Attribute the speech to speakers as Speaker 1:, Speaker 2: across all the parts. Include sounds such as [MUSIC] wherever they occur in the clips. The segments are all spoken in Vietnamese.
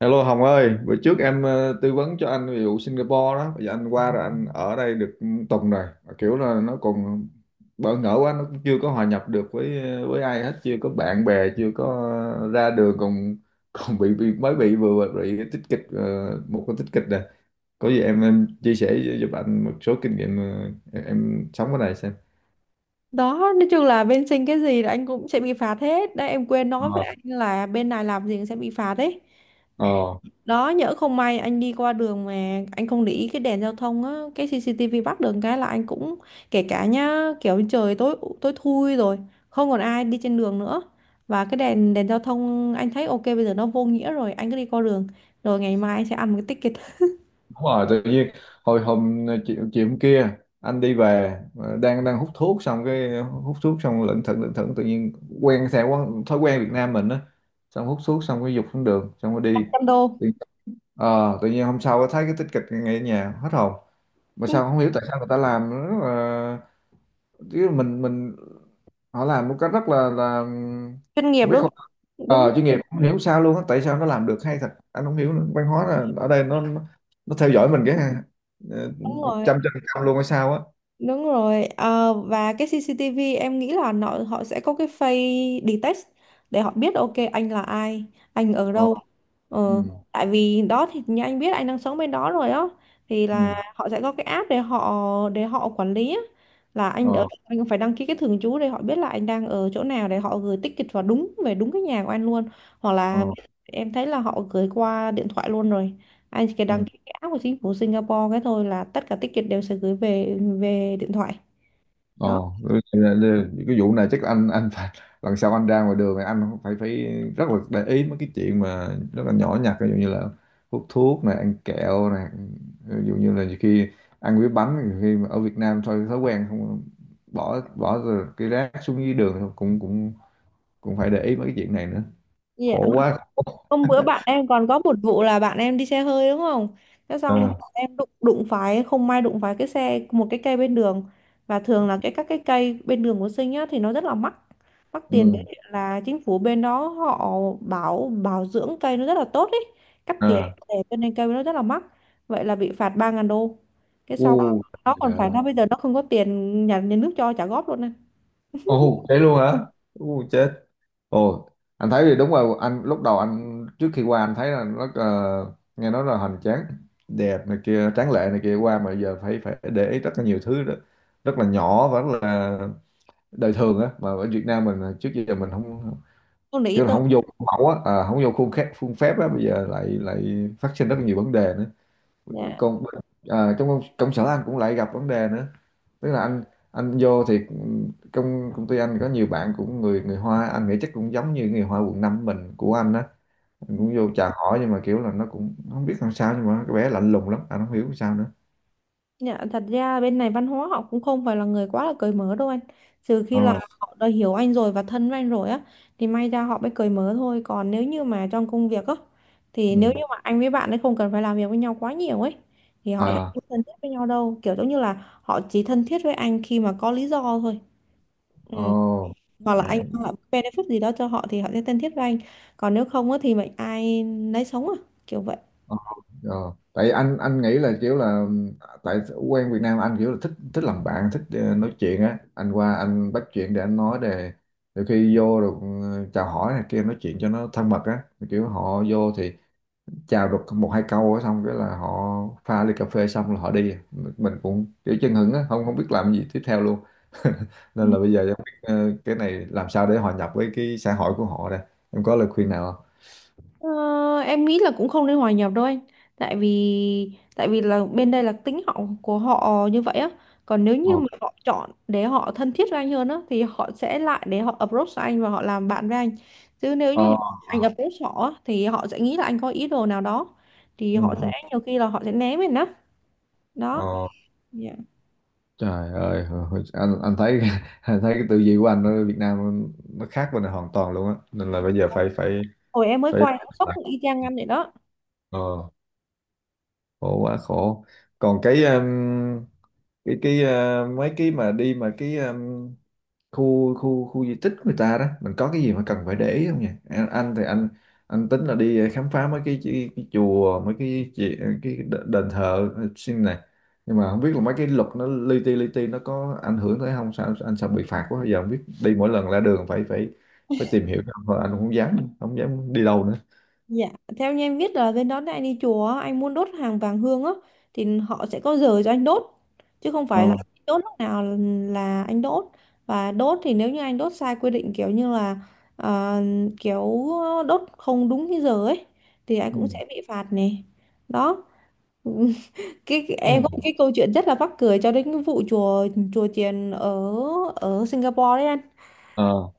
Speaker 1: Hello Hồng ơi, bữa trước em tư vấn cho anh về vụ Singapore đó, bây giờ anh qua rồi anh ở đây được tuần rồi. Mà kiểu là nó còn bỡ ngỡ quá, nó cũng chưa có hòa nhập được với với ai hết, chưa có bạn bè, chưa có ra đường còn [LAUGHS] còn bị mới bị vừa bị cái tích kịch, một cái tích kịch rồi. Có gì em chia sẻ giúp anh một số kinh nghiệm, em sống ở đây xem.
Speaker 2: Đó, nói chung là bên Sinh cái gì là anh cũng sẽ bị phạt hết đấy. Em quên nói với
Speaker 1: Ờ.
Speaker 2: anh là bên này làm gì cũng sẽ bị phạt đấy
Speaker 1: Ờ.
Speaker 2: đó. Nhỡ không may anh đi qua đường mà anh không để ý cái đèn giao thông á, cái CCTV bắt được cái là anh cũng kể cả nhá, kiểu trời tối tối thui rồi, không còn ai đi trên đường nữa và cái đèn đèn giao thông anh thấy ok bây giờ nó vô nghĩa rồi, anh cứ đi qua đường rồi ngày mai anh sẽ ăn một cái ticket
Speaker 1: Đúng rồi, tự nhiên hồi hôm chiều hôm kia anh đi về, ờ, đang đang hút thuốc xong cái hút thuốc xong lững thững tự nhiên quen theo quán, thói quen Việt Nam mình á, xong hút thuốc xong cái dục xuống đường xong rồi đi.
Speaker 2: trăm đô.
Speaker 1: Tự- tự nhiên hôm sau thấy cái tích kịch ngay ở nhà hết hồn, mà
Speaker 2: Ừ,
Speaker 1: sao không hiểu tại sao người ta làm nữa. Chứ mình họ làm một cách rất là
Speaker 2: chuyên nghiệp
Speaker 1: không biết
Speaker 2: đúng.
Speaker 1: không,
Speaker 2: Đúng.
Speaker 1: chuyên nghiệp không hiểu sao luôn á, tại sao nó làm được hay thật anh không hiểu nữa. Văn hóa là ở đây nó theo dõi mình cái
Speaker 2: Đúng
Speaker 1: một
Speaker 2: rồi.
Speaker 1: trăm phần trăm luôn hay sao á.
Speaker 2: Đúng rồi, và cái CCTV em nghĩ là nó, họ sẽ có cái face detect để họ biết ok anh là ai, anh ở
Speaker 1: Ờ.
Speaker 2: đâu.
Speaker 1: Ừ.
Speaker 2: Ờ, tại vì đó thì như anh biết anh đang sống bên đó rồi á, thì là
Speaker 1: Ừ.
Speaker 2: họ sẽ có cái app để họ quản lý á, là anh ở
Speaker 1: Ờ.
Speaker 2: anh phải đăng ký cái thường trú để họ biết là anh đang ở chỗ nào để họ gửi ticket vào đúng, về đúng cái nhà của anh luôn. Hoặc là
Speaker 1: Ờ.
Speaker 2: em thấy là họ gửi qua điện thoại luôn rồi, anh chỉ cần
Speaker 1: Ừ.
Speaker 2: đăng ký cái app của chính phủ Singapore cái thôi là tất cả ticket đều sẽ gửi về về điện thoại đó.
Speaker 1: Ồ, ừ, cái vụ này chắc anh phải lần sau anh ra ngoài đường thì anh phải phải rất là để ý mấy cái chuyện mà rất là nhỏ nhặt, ví dụ như là hút thuốc này, ăn kẹo này, ví dụ như là nhiều khi ăn cái bánh nhiều khi mà ở Việt Nam thôi thói quen không, bỏ bỏ rồi cái rác xuống dưới đường thôi, cũng cũng cũng phải để ý mấy cái chuyện này nữa.
Speaker 2: Yeah.
Speaker 1: Khổ quá.
Speaker 2: Hôm bữa bạn em còn có một vụ là bạn em đi xe hơi đúng không? Thế xong
Speaker 1: À.
Speaker 2: bạn em đụng đụng phải không may đụng phải cái xe một cái cây bên đường. Và thường là các cái cây bên đường của Sinh á thì nó rất là mắc, mắc tiền đấy,
Speaker 1: Ừ.
Speaker 2: là chính phủ bên đó họ bảo bảo dưỡng cây nó rất là tốt ấy, cắt tỉa
Speaker 1: À.
Speaker 2: để cho nên cây nó rất là mắc. Vậy là bị phạt 3.000 đô. Cái
Speaker 1: U.
Speaker 2: xong nó
Speaker 1: Trời
Speaker 2: còn phải,
Speaker 1: ơi.
Speaker 2: nó bây giờ nó không có tiền nhà, nhà nước cho trả góp luôn này.
Speaker 1: Ồ, thế luôn hả? U chết. Ồ, anh thấy thì đúng rồi, anh lúc đầu anh trước khi qua anh thấy là nó, nghe nói là hoành tráng, đẹp này kia, tráng lệ này kia, qua mà giờ phải phải để ý rất là nhiều thứ đó. Rất là nhỏ và rất là đời thường á, mà ở Việt Nam mình à, trước giờ mình không
Speaker 2: Không để ý
Speaker 1: kiểu là
Speaker 2: tới.
Speaker 1: không vô khuôn mẫu á, à, không vô khuôn phép á, bây giờ lại lại phát sinh rất là nhiều vấn đề nữa.
Speaker 2: Dạ.
Speaker 1: Còn à, trong công sở anh cũng lại gặp vấn đề nữa, tức là anh vô thì trong công ty anh có nhiều bạn cũng người người Hoa, anh nghĩ chắc cũng giống như người Hoa quận 5 mình của anh á, anh cũng vô chào hỏi nhưng mà kiểu là nó cũng không biết làm sao, nhưng mà cái bé lạnh lùng lắm anh không hiểu sao nữa.
Speaker 2: Dạ, thật ra bên này văn hóa họ cũng không phải là người quá là cởi mở đâu anh. Trừ khi
Speaker 1: Ồ.
Speaker 2: là, dạ, họ đã hiểu anh rồi và thân với anh rồi á, thì may ra họ mới cởi mở thôi. Còn nếu như mà trong công việc á, thì nếu
Speaker 1: Ừ.
Speaker 2: như mà anh với bạn ấy không cần phải làm việc với nhau quá nhiều ấy, thì họ sẽ
Speaker 1: Ờ.
Speaker 2: không thân thiết với nhau đâu. Kiểu giống như là họ chỉ thân thiết với anh khi mà có lý do thôi. Ừ.
Speaker 1: Ồ.
Speaker 2: Hoặc là anh mang lại benefit gì đó cho họ thì họ sẽ thân thiết với anh. Còn nếu không á, thì mệnh ai nấy sống à, kiểu vậy.
Speaker 1: Ờ. Ờ. Tại anh nghĩ là kiểu là, tại quen Việt Nam anh kiểu là thích thích làm bạn, thích, nói chuyện á, anh qua anh bắt chuyện để anh nói, để đôi khi vô được, chào hỏi này kia, nói chuyện cho nó thân mật á, kiểu họ vô thì chào được một hai câu á, xong cái là họ pha ly cà phê xong là họ đi, mình cũng kiểu chân hững á, không không biết làm gì tiếp theo luôn. [LAUGHS] Nên là bây giờ em biết, cái này làm sao để hòa nhập với cái xã hội của họ đây, em có lời khuyên nào không?
Speaker 2: Ờ, em nghĩ là cũng không nên hòa nhập đâu anh, tại vì là bên đây là tính họ của họ như vậy á. Còn nếu như
Speaker 1: Ờ.
Speaker 2: mà họ chọn để họ thân thiết với anh hơn á thì họ sẽ lại để họ approach anh và họ làm bạn với anh. Chứ nếu như mà
Speaker 1: Ờ.
Speaker 2: anh
Speaker 1: Ờ.
Speaker 2: approach họ á, thì họ sẽ nghĩ là anh có ý đồ nào đó, thì
Speaker 1: Ừ.
Speaker 2: họ sẽ
Speaker 1: Ừ.
Speaker 2: nhiều khi là họ sẽ né mình á. Đó.
Speaker 1: Ờ.
Speaker 2: Dạ.
Speaker 1: Trời ơi, anh thấy [LAUGHS] anh thấy cái tư duy của anh ở Việt Nam nó khác bên này hoàn toàn luôn á, nên là bây giờ phải phải
Speaker 2: Hồi em mới
Speaker 1: phải
Speaker 2: qua em cũng sốc y chang anh vậy đó.
Speaker 1: ờ, khổ quá khổ. Còn cái, cái mấy cái mà đi mà cái, khu khu khu di tích của người ta đó, mình có cái gì mà cần phải để ý không nhỉ anh? Anh thì anh anh tính là đi, khám phá mấy cái chùa, mấy cái, cái đền thờ, xin này, nhưng mà không biết là mấy cái luật nó li ti nó có ảnh hưởng tới không, sao anh sợ bị phạt quá, giờ không biết đi, mỗi lần ra đường phải phải phải tìm hiểu không. Thôi anh cũng không dám đi đâu nữa.
Speaker 2: Dạ, theo như em biết là bên đó anh đi chùa á, anh muốn đốt hàng vàng hương á, thì họ sẽ có giờ cho anh đốt, chứ không
Speaker 1: Ờ.
Speaker 2: phải là anh đốt lúc nào là anh đốt. Và đốt thì nếu như anh đốt sai quy định kiểu như là ờ, kiểu đốt không đúng cái giờ ấy, thì anh
Speaker 1: Ừ.
Speaker 2: cũng sẽ bị phạt này. Đó. [LAUGHS]
Speaker 1: Ờ.
Speaker 2: Em có một cái câu chuyện rất là mắc cười cho đến cái vụ chùa, chùa chiền ở ở Singapore đấy anh.
Speaker 1: Ờ.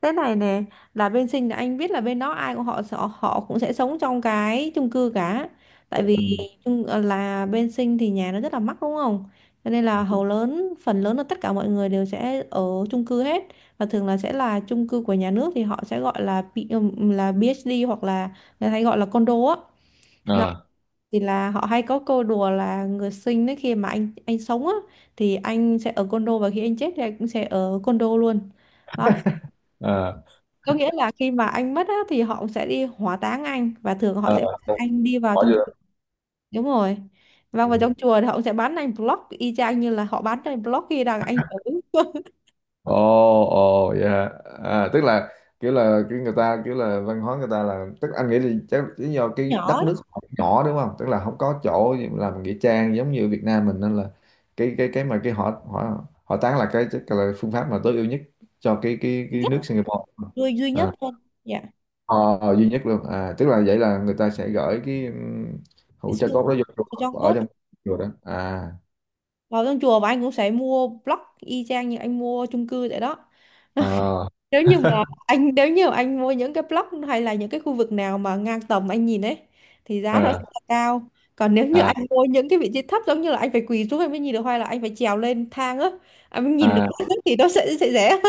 Speaker 2: Thế này nè, là bên Sinh là anh biết là bên đó ai của họ họ họ cũng sẽ sống trong cái chung cư cả. Tại
Speaker 1: Ừ.
Speaker 2: vì
Speaker 1: Ừ.
Speaker 2: là bên Sinh thì nhà nó rất là mắc đúng không? Cho nên là hầu lớn phần lớn là tất cả mọi người đều sẽ ở chung cư hết. Và thường là sẽ là chung cư của nhà nước thì họ sẽ gọi là là PhD, hoặc là người ta hay gọi là condo á. Đó,
Speaker 1: Ờ.
Speaker 2: thì là họ hay có câu đùa là người Sinh đấy, khi mà anh sống á thì anh sẽ ở condo, và khi anh chết thì anh cũng sẽ ở condo luôn. Đó,
Speaker 1: Ờ.
Speaker 2: có nghĩa là khi mà anh mất á, thì họ sẽ đi hỏa táng anh và thường họ
Speaker 1: Ờ.
Speaker 2: sẽ bắt anh đi vào
Speaker 1: Bỏ
Speaker 2: trong chùa. Đúng rồi. Vâng, vào trong
Speaker 1: vô.
Speaker 2: chùa thì họ sẽ bán anh block y chang như là họ bán cho anh blog khi đang anh ở. [LAUGHS]
Speaker 1: Ồ, ồ, dạ. À, tức là kiểu là, kiểu người ta, kiểu là văn hóa người ta là, tức anh nghĩ là chắc lý do cái
Speaker 2: Nhỏ.
Speaker 1: đất nước họ nhỏ đúng không? Tức là không có chỗ gì mà làm nghĩa trang giống như Việt Nam mình, nên là cái mà cái họ họ họ tán là cái chắc là phương pháp mà tối ưu nhất cho cái cái
Speaker 2: Duy
Speaker 1: cái
Speaker 2: nhất.
Speaker 1: nước Singapore.
Speaker 2: Duy duy nhất
Speaker 1: À,
Speaker 2: thôi. Dạ.
Speaker 1: ờ, duy nhất luôn. À, tức là vậy là người ta sẽ gửi cái,
Speaker 2: Cái
Speaker 1: hũ tro
Speaker 2: xương
Speaker 1: cốt đó vô
Speaker 2: ở trong
Speaker 1: chùa, ở
Speaker 2: cốt,
Speaker 1: trong chùa đó. À.
Speaker 2: vào trong chùa, và anh cũng sẽ mua block y chang như anh mua chung cư vậy đó.
Speaker 1: Ờ.
Speaker 2: Nếu như mà
Speaker 1: [LAUGHS]
Speaker 2: nếu như anh mua những cái block hay là những cái khu vực nào mà ngang tầm anh nhìn ấy, thì giá nó sẽ
Speaker 1: À.
Speaker 2: là cao. Còn nếu như
Speaker 1: À.
Speaker 2: anh mua những cái vị trí thấp giống như là anh phải quỳ xuống anh mới nhìn được, hay là anh phải trèo lên thang á anh mới nhìn được
Speaker 1: À.
Speaker 2: [LAUGHS] thì nó sẽ rẻ.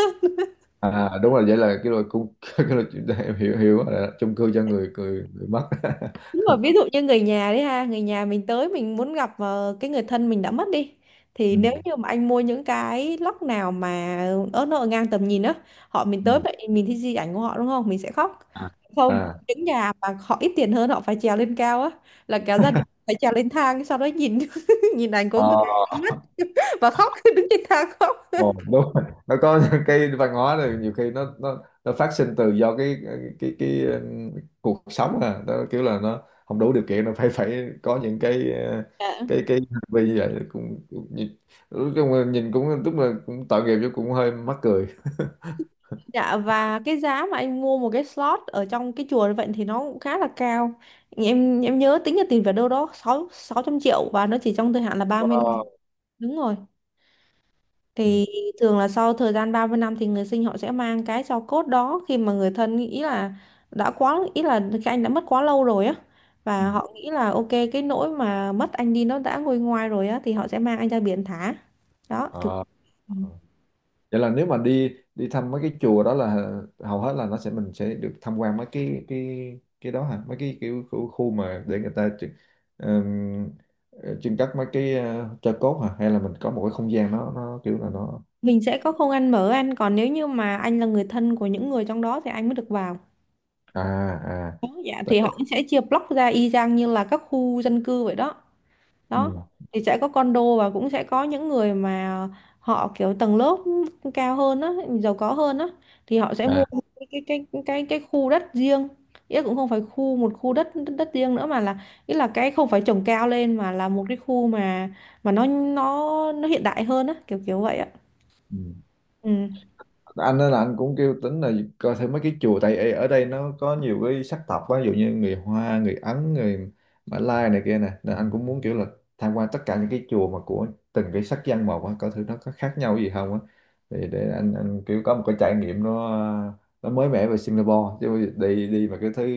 Speaker 1: À, đúng rồi, vậy là cái loại cung [LAUGHS] cái loại chuyện đó em hiểu hiểu rồi đó, chung cư cho người người người mất. [LAUGHS]
Speaker 2: Đúng rồi, ví dụ như người nhà đấy ha, người nhà mình tới mình muốn gặp ờ, cái người thân mình đã mất đi. Thì
Speaker 1: Ừ.
Speaker 2: nếu như mà anh mua những cái lóc nào mà ớt nó ở ngang tầm nhìn á, họ mình
Speaker 1: Ừ.
Speaker 2: tới vậy mình thấy di ảnh của họ đúng không? Mình sẽ khóc.
Speaker 1: À.
Speaker 2: Không,
Speaker 1: À.
Speaker 2: những nhà mà họ ít tiền hơn họ phải trèo lên cao á, là cả gia đình phải trèo lên thang sau đó nhìn [LAUGHS] nhìn ảnh của
Speaker 1: Ờ,
Speaker 2: người và khóc. [LAUGHS] Đứng trên thang khóc.
Speaker 1: ờ, đúng rồi. Nó có [LAUGHS] cái văn hóa này nhiều khi nó phát sinh từ do cái cuộc sống à đó, kiểu là nó không đủ điều kiện, nó phải phải có những cái, cái hành vi như vậy, cũng nhìn, nói chung là nhìn cũng tức là cũng tội nghiệp, chứ cũng hơi mắc cười.
Speaker 2: Dạ, và cái giá mà anh mua một cái slot ở trong cái chùa như vậy thì nó cũng khá là cao. Em nhớ tính ra tiền về đâu đó sáu 600 triệu, và nó chỉ trong thời hạn là 30 năm.
Speaker 1: Wow.
Speaker 2: Đúng rồi.
Speaker 1: Ừ.
Speaker 2: Thì thường là sau thời gian 30 năm thì người Sinh họ sẽ mang cái tro cốt đó, khi mà người thân nghĩ là đã quá, ý là cái anh đã mất quá lâu rồi á,
Speaker 1: Ừ.
Speaker 2: và họ nghĩ là ok cái nỗi mà mất anh đi nó đã nguôi ngoai rồi á, thì họ sẽ mang anh ra biển thả. Đó, kiểu
Speaker 1: Ờ. Ờ. Vậy là nếu mà đi đi thăm mấy cái chùa đó là, hầu hết là nó sẽ mình sẽ được tham quan mấy cái đó hả, mấy cái kiểu khu mà để người ta trưng-, ừm, trưng cất mấy cái, tro cốt hả, hay là mình có một cái không gian nó kiểu là nó.
Speaker 2: mình sẽ có không ăn mở anh, còn nếu như mà anh là người thân của những người trong đó thì anh mới được vào.
Speaker 1: À. À.
Speaker 2: Dạ,
Speaker 1: Tại.
Speaker 2: thì họ cũng sẽ chia block ra y chang như là các khu dân cư vậy đó. Đó,
Speaker 1: Ừ.
Speaker 2: thì sẽ có condo và cũng sẽ có những người mà họ kiểu tầng lớp cao hơn á, giàu có hơn á, thì họ sẽ mua
Speaker 1: À.
Speaker 2: cái cái cái khu đất riêng, ý là cũng không phải khu đất, đất riêng nữa, mà là ý là cái không phải trồng cao lên, mà là một cái khu mà nó hiện đại hơn á, kiểu kiểu vậy ạ.
Speaker 1: Ừ.
Speaker 2: Ừ.
Speaker 1: Anh nói là anh cũng kêu tính là coi thêm mấy cái chùa, tại ở ở đây nó có nhiều cái sắc tộc quá, ví dụ như người Hoa, người Ấn, người Mã Lai này kia nè, nên anh cũng muốn kiểu là tham quan tất cả những cái chùa mà của từng cái sắc dân một á, coi thử nó có khác nhau gì không á, thì để anh kiểu có một cái trải nghiệm nó mới mẻ về Singapore chứ, đi đi mà cái thứ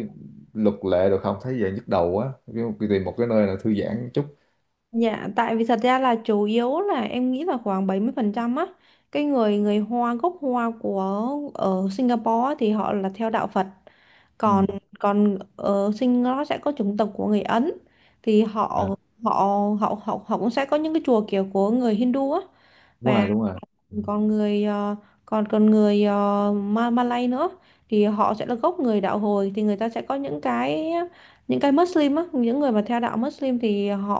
Speaker 1: luật lệ được không, thấy về nhức đầu quá, kiểu tìm một cái nơi là thư giãn chút.
Speaker 2: Dạ, tại vì thật ra là chủ yếu là em nghĩ là khoảng 70% á, cái người người Hoa, gốc Hoa của ở Singapore á, thì họ là theo đạo Phật.
Speaker 1: Ừ.
Speaker 2: Còn còn ở Singapore sẽ có chủng tộc của người Ấn, thì họ
Speaker 1: À,
Speaker 2: họ họ họ họ cũng sẽ có những cái chùa kiểu của người Hindu á.
Speaker 1: đúng
Speaker 2: Và
Speaker 1: rồi, đúng rồi. Ừ.
Speaker 2: còn còn người Malay nữa, thì họ sẽ là gốc người đạo Hồi, thì người ta sẽ có những cái, những cái Muslim á, những người mà theo đạo Muslim thì họ,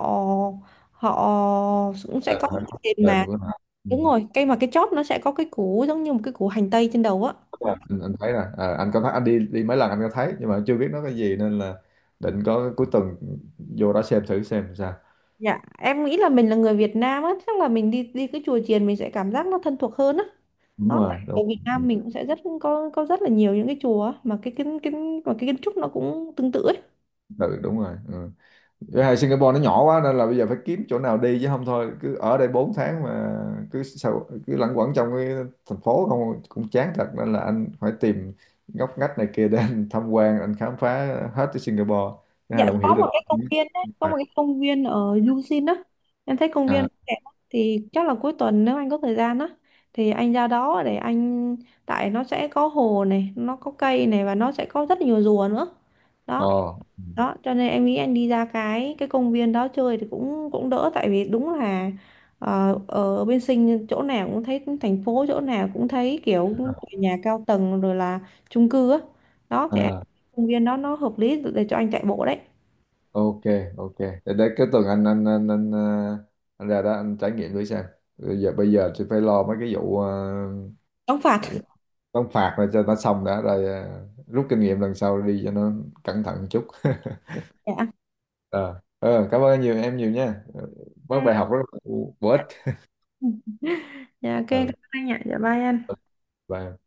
Speaker 2: họ cũng sẽ có
Speaker 1: Đền
Speaker 2: cái
Speaker 1: hả,
Speaker 2: tiền
Speaker 1: đền
Speaker 2: mà.
Speaker 1: của nó. Ừ.
Speaker 2: Đúng rồi, cái mà cái chóp nó sẽ có cái củ giống như một cái củ hành tây trên đầu á.
Speaker 1: Đúng
Speaker 2: Đó.
Speaker 1: rồi. Anh thấy rồi. Ờ, anh có thấy, anh đi đi mấy lần anh có thấy, nhưng mà chưa biết nó cái gì, nên là định có cuối tuần vô đó xem thử xem sao.
Speaker 2: Dạ em nghĩ là mình là người Việt Nam á, chắc là mình đi đi cái chùa chiền mình sẽ cảm giác nó thân thuộc hơn á.
Speaker 1: Đúng
Speaker 2: Đó,
Speaker 1: rồi,
Speaker 2: ở
Speaker 1: đúng.
Speaker 2: Việt Nam
Speaker 1: Ừ,
Speaker 2: mình cũng sẽ rất có rất là nhiều những cái chùa á, mà cái kiến kiến mà cái kiến trúc nó cũng tương tự ấy.
Speaker 1: tự đúng rồi. Ừ. Với hai Singapore nó nhỏ quá, nên là bây giờ phải kiếm chỗ nào đi, chứ không thôi cứ ở đây 4 tháng mà cứ sao cứ lẩn quẩn trong cái thành phố không cũng chán thật, nên là anh phải tìm ngóc ngách này kia để [LAUGHS] anh tham quan, anh khám phá hết cái Singapore, cái này
Speaker 2: Dạ
Speaker 1: là cũng hiểu
Speaker 2: có
Speaker 1: được.
Speaker 2: một cái công viên đấy, có một cái công viên ở Yuzin á. Em thấy công viên
Speaker 1: À.
Speaker 2: đẹp lắm. Thì chắc là cuối tuần nếu anh có thời gian á thì anh ra đó để anh, tại nó sẽ có hồ này, nó có cây này, và nó sẽ có rất nhiều rùa nữa.
Speaker 1: Ồ.
Speaker 2: Đó, đó cho nên em nghĩ anh đi ra cái công viên đó chơi thì cũng cũng đỡ, tại vì đúng là ở bên Sinh chỗ nào cũng thấy thành phố, chỗ nào cũng thấy kiểu tòa nhà cao tầng rồi là chung cư á. Đó thì em-
Speaker 1: À.
Speaker 2: công viên đó nó hợp lý để cho anh chạy bộ đấy.
Speaker 1: Ok. Ok, để cái tuần anh anh ra đó anh trải nghiệm thử xem. Bây giờ thì phải lo mấy cái vụ,
Speaker 2: Đóng phạt.
Speaker 1: đóng phạt rồi cho nó xong đã, rồi, rút kinh nghiệm lần sau đi cho nó cẩn thận một chút. [LAUGHS]
Speaker 2: Dạ.
Speaker 1: Ờ, ờ, cảm ơn nhiều em nhiều nha, mất
Speaker 2: Ok.
Speaker 1: bài học rất là bổ
Speaker 2: Dạ.
Speaker 1: ích.
Speaker 2: Ừ. Dạ, ok, cảm
Speaker 1: Ờ,
Speaker 2: ơn anh ạ. Dạ bye anh.
Speaker 1: bye.